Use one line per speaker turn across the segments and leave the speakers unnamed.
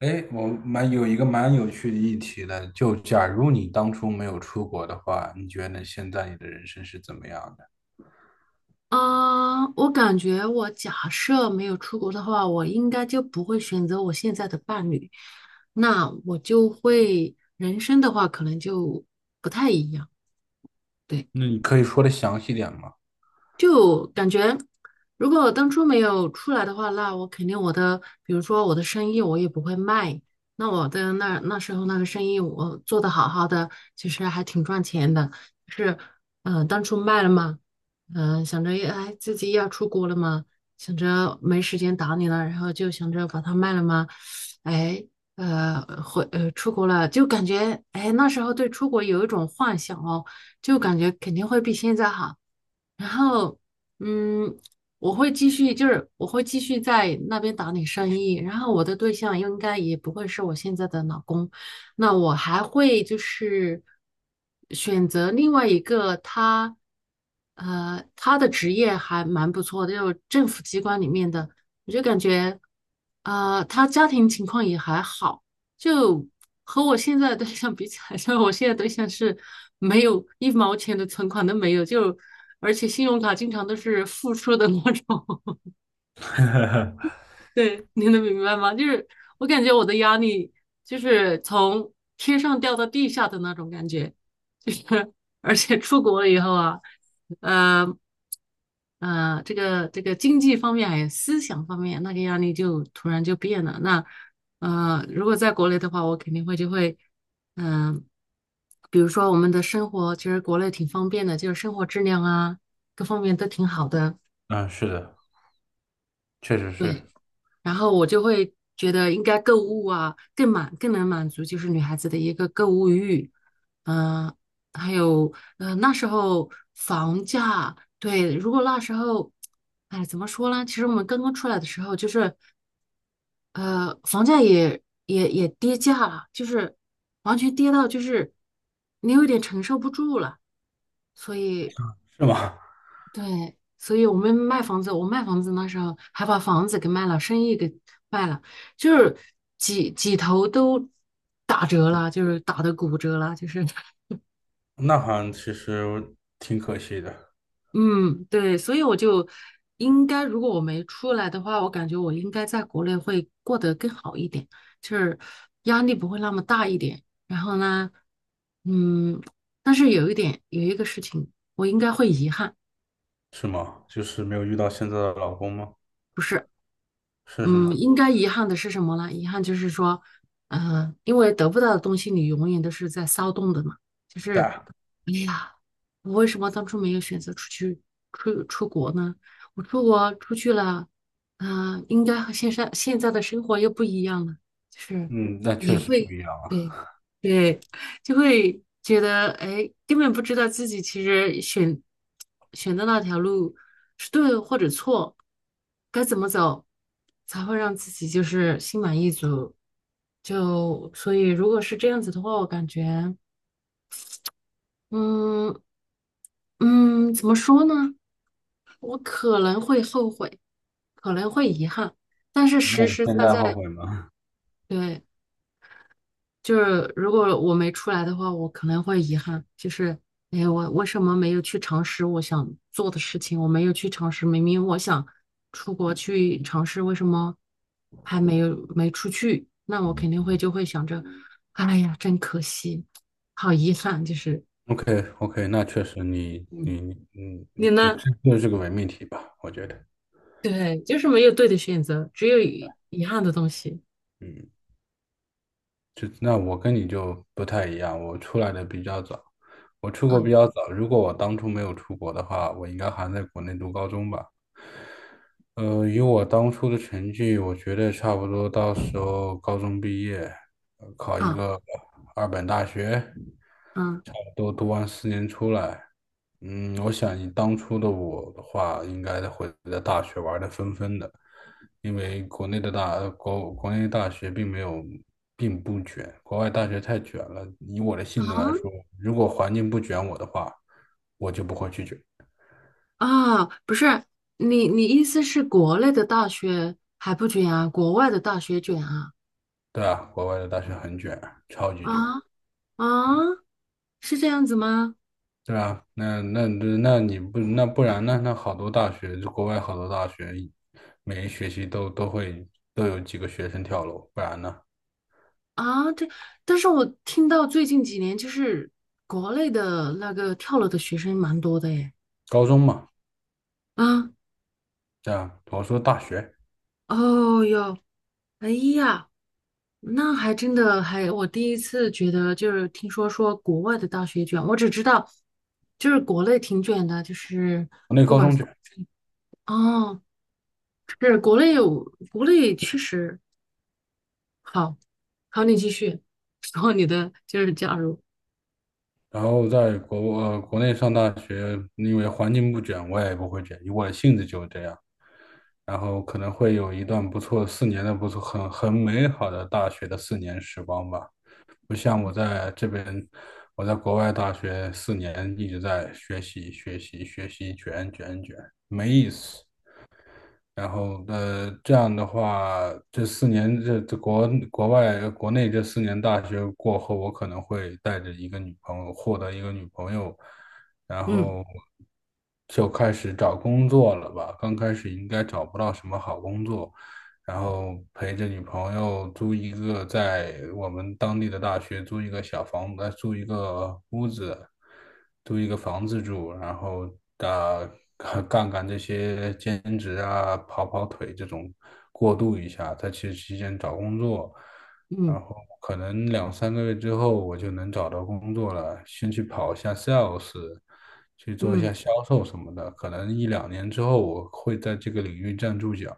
哎，我一个蛮有趣的议题的，就假如你当初没有出国的话，你觉得现在你的人生是怎么样的？
啊，我感觉我假设没有出国的话，我应该就不会选择我现在的伴侣，那我就会人生的话可能就不太一样。对。
那你可以说的详细点吗？
就感觉，如果我当初没有出来的话，那我肯定我的，比如说我的生意我也不会卖。那我的那时候那个生意我做的好好的，其实还挺赚钱的。就是，当初卖了嘛，想着哎自己要出国了嘛，想着没时间打理了，然后就想着把它卖了嘛，哎，出国了，就感觉哎那时候对出国有一种幻想哦，就感觉肯定会比现在好。然后，嗯，我会继续，就是我会继续在那边打理生意。然后我的对象应该也不会是我现在的老公，那我还会就是选择另外一个他，他的职业还蛮不错的，就是政府机关里面的，我就感觉，他家庭情况也还好。就和我现在的对象比起来，就我现在对象是没有一毛钱的存款都没有，就而且信用卡经常都是负数的那种。对，你能明白吗？就是我感觉我的压力就是从天上掉到地下的那种感觉，就是而且出国了以后啊，嗯。这个经济方面还有思想方面，那个压力就突然就变了。那如果在国内的话，我肯定会就会，嗯、比如说我们的生活，其实国内挺方便的，就是生活质量啊，各方面都挺好的。
嗯，是的，确实
对，
是。
然后我就会觉得应该购物啊，更能满足就是女孩子的一个购物欲，嗯、还有那时候房价，对，如果那时候，哎，怎么说呢？其实我们刚刚出来的时候，就是房价也跌价了，就是完全跌到就是你有点承受不住了，所以
是吗
对，所以我们卖房子，我卖房子那时候还把房子给卖了，生意给卖了，就是几头都打折了，就是打的骨折了，就是
那好像其实挺可惜的。
嗯，对，所以我就应该，如果我没出来的话，我感觉我应该在国内会过得更好一点，就是压力不会那么大一点。然后呢，嗯，但是有一点，有一个事情，我应该会遗憾。
是吗？就是没有遇到现在的老公吗？
不是。
是是
嗯，
吗？
应该遗憾的是什么呢？遗憾就是说，因为得不到的东西，你永远都是在骚动的嘛。就
对
是，
啊。
哎呀，我为什么当初没有选择出国呢？我出国出去了，应该和现在的生活又不一样了。就是
嗯，那确
也
实不
会，
一样
对
啊。
对，就会觉得，哎，根本不知道自己其实选的那条路是对或者错，该怎么走才会让自己就是心满意足。就所以，如果是这样子的话，我感觉，嗯怎么说呢？我可能会后悔，可能会遗憾，但是
那
实
你
实
现
在
在后
在，
悔吗
对。就是如果我没出来的话，我可能会遗憾，就是哎，我为什么没有去尝试我想做的事情？我没有去尝试，明明我想出国去尝试，为什么还没出去？那我肯定会就会想着，哎呀，真可惜，好遗憾，就是
？OK OK，那确实你
嗯，
你你
你
嗯，不，
呢？
这就是个伪命题吧？我觉得。
对，就是没有对的选择，只有遗憾的东西。
嗯。就那我跟你就不太一样，我出来的比较早，我出国
嗯，
比较早。如果我当初没有出国的话，我应该还在国内读高中吧。以我当初的成绩，我觉得差不多到时候高中毕业，考一
啊，
个二本大学，
嗯，
差不多读完四年出来。我想以当初的我的话，应该会在大学玩的疯疯的。因为国内的大，呃国国内大学并没有，并不卷，国外大学太卷了。以我的性子来
好，
说，如果环境不卷我的话，我就不会去卷。
啊，不是，你意思是国内的大学还不卷啊，国外的大学卷啊？
对啊，国外的大学很卷，超级
啊
卷。
啊，是这样子吗？
对啊，那你不然呢？那好多大学，就国外好多大学，每一学期都有几个学生跳楼，不然呢？
啊，但是我听到最近几年就是国内的那个跳楼的学生蛮多的耶。
高中嘛，
啊，
对啊，我说大学，
哦哟，哎呀，那还真的还，我第一次觉得就是听说国外的大学卷，我只知道就是国内挺卷的，就是
国内
不
高
管
中
是。
卷。
哦，是国内确实好，好，你继续。然后你的就是假如，
然后在国内上大学，因为环境不卷，我也不会卷，因为我的性子就是这样，然后可能会有一段不错四年的不错很美好的大学的4年时光吧。不像我在这边，我在国外大学四年一直在学习学习学习卷卷卷，没意思。然后，这样的话，这四年这这国国外国内这四年大学过后，我可能会带着一个女朋友，获得一个女朋友，然
嗯
后就开始找工作了吧。刚开始应该找不到什么好工作，然后陪着女朋友租一个在我们当地的大学租一个小房，子，租一个屋子，租一个房子住，然后啊干干这些兼职啊，跑跑腿这种过渡一下，在其实期间找工作，
嗯
然后可能2、3个月之后我就能找到工作了，先去跑一下 sales。去做一
嗯
下销售什么的，可能1、2年之后我会在这个领域站住脚。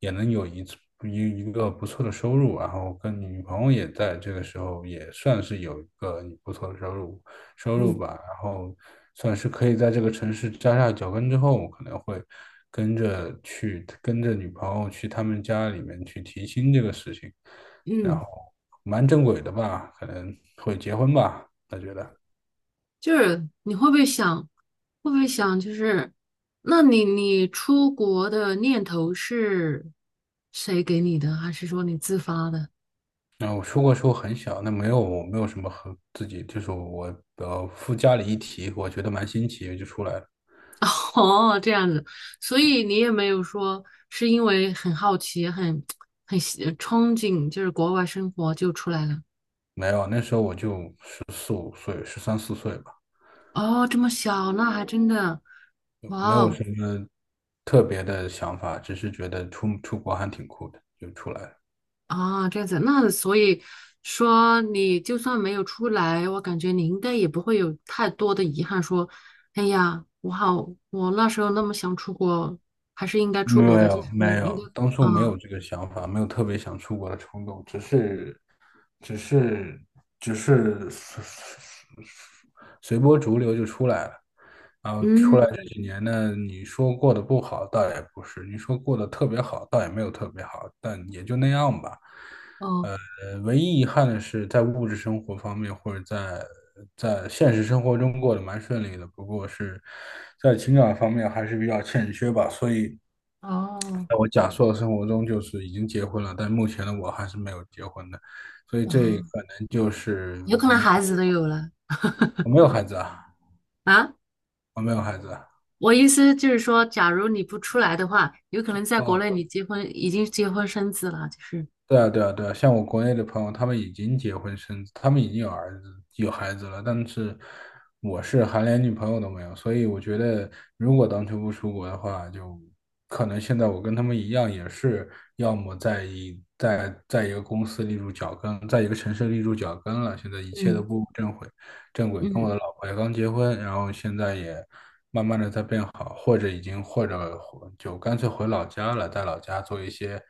也能有一次一一个不错的收入，然后跟女朋友也在这个时候也算是有一个不错的收入
嗯
吧，然后算是可以在这个城市扎下脚跟之后，我可能会跟着女朋友去他们家里面去提亲这个事情，然
嗯，
后蛮正轨的吧，可能会结婚吧，我觉得。
就是你会不会想，会不会想就是，那你出国的念头是谁给你的，还是说你自发的？
然后我出国时候很小，那没有什么和自己，就是我附加了一提，我觉得蛮新奇，就出来了。
哦，这样子，所以你也没有说是因为很好奇、很憧憬，就是国外生活就出来了。
没有，那时候我就14、15岁，13、14岁吧，
哦，这么小，那还真的，哇
没有
哦，
什么特别的想法，只是觉得出国还挺酷的，就出来了。
啊，这样子，那所以说你就算没有出来，我感觉你应该也不会有太多的遗憾，说，哎呀，我那时候那么想出国，还是应该
没
出国的，就
有，
是你
没
应该，
有，当初没
啊，
有这个想法，没有特别想出国的冲动，只是，只是，只是随波逐流就出来了。然后出来
嗯，
这几年呢，你说过得不好，倒也不是；你说过得特别好，倒也没有特别好，但也就那样吧。
哦，
唯一遗憾的是，在物质生活方面，或者在现实生活中过得蛮顺利的，不过是在情感方面还是比较欠缺吧。所以，
哦，
在我假设的生活中，就是已经结婚了，但目前的我还是没有结婚的，所以这
啊，
可能就是
有可能
遗
孩
憾。
子都有了
我没有孩子啊，
啊。
我没有孩子啊。
我意思就是说，假如你不出来的话，有可能在国
哦，
内你已经结婚生子了，就是，
对啊，对啊，对啊，像我国内的朋友，他们已经结婚生子，他们已经有儿子、有孩子了，但是我是还连女朋友都没有，所以我觉得，如果当初不出国的话，就可能现在我跟他们一样，也是要么在一个公司立住脚跟，在一个城市立住脚跟了，现在一切都
嗯
步入正轨，正轨。跟我
嗯
的老婆也刚结婚，然后现在也慢慢的在变好，或者就干脆回老家了，在老家做一些。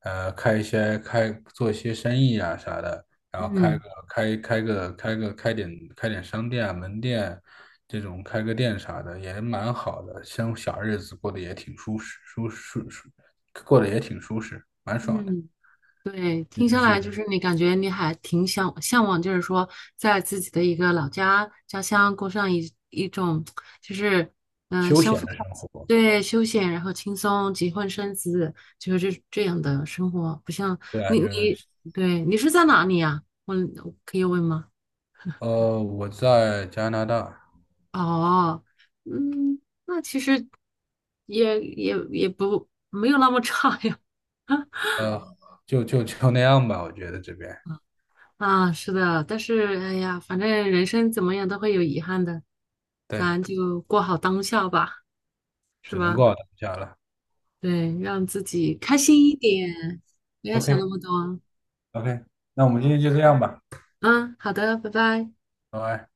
开一些开做一些生意啊啥的，然后
嗯。
开开个开个开点开点商店啊门店，这种开个店啥的也蛮好的，像小日子过得也挺舒适，蛮爽的。
嗯，对，
这
听
就
下来
是
就是你感觉你还挺想向往，就是说在自己的一个老家家乡过上一种就是
休
相
闲
夫
的
教
生
子，
活。
对，休闲，然后轻松，结婚生子，就是这样的生活，不像
对啊，
你
就是
你对是在哪里呀、我可以问吗？
我在加拿大。
哦，嗯，那其实也不没有那么差呀。
呃，就那样吧，我觉得这边
啊，是的，但是哎呀，反正人生怎么样都会有遗憾的，
对，
咱就过好当下吧，是
只能
吧？
过到当下了。
对，让自己开心一点，不要
OK
想那么多。
OK，那我们今天就这样吧，
嗯，好的，拜拜。
拜拜。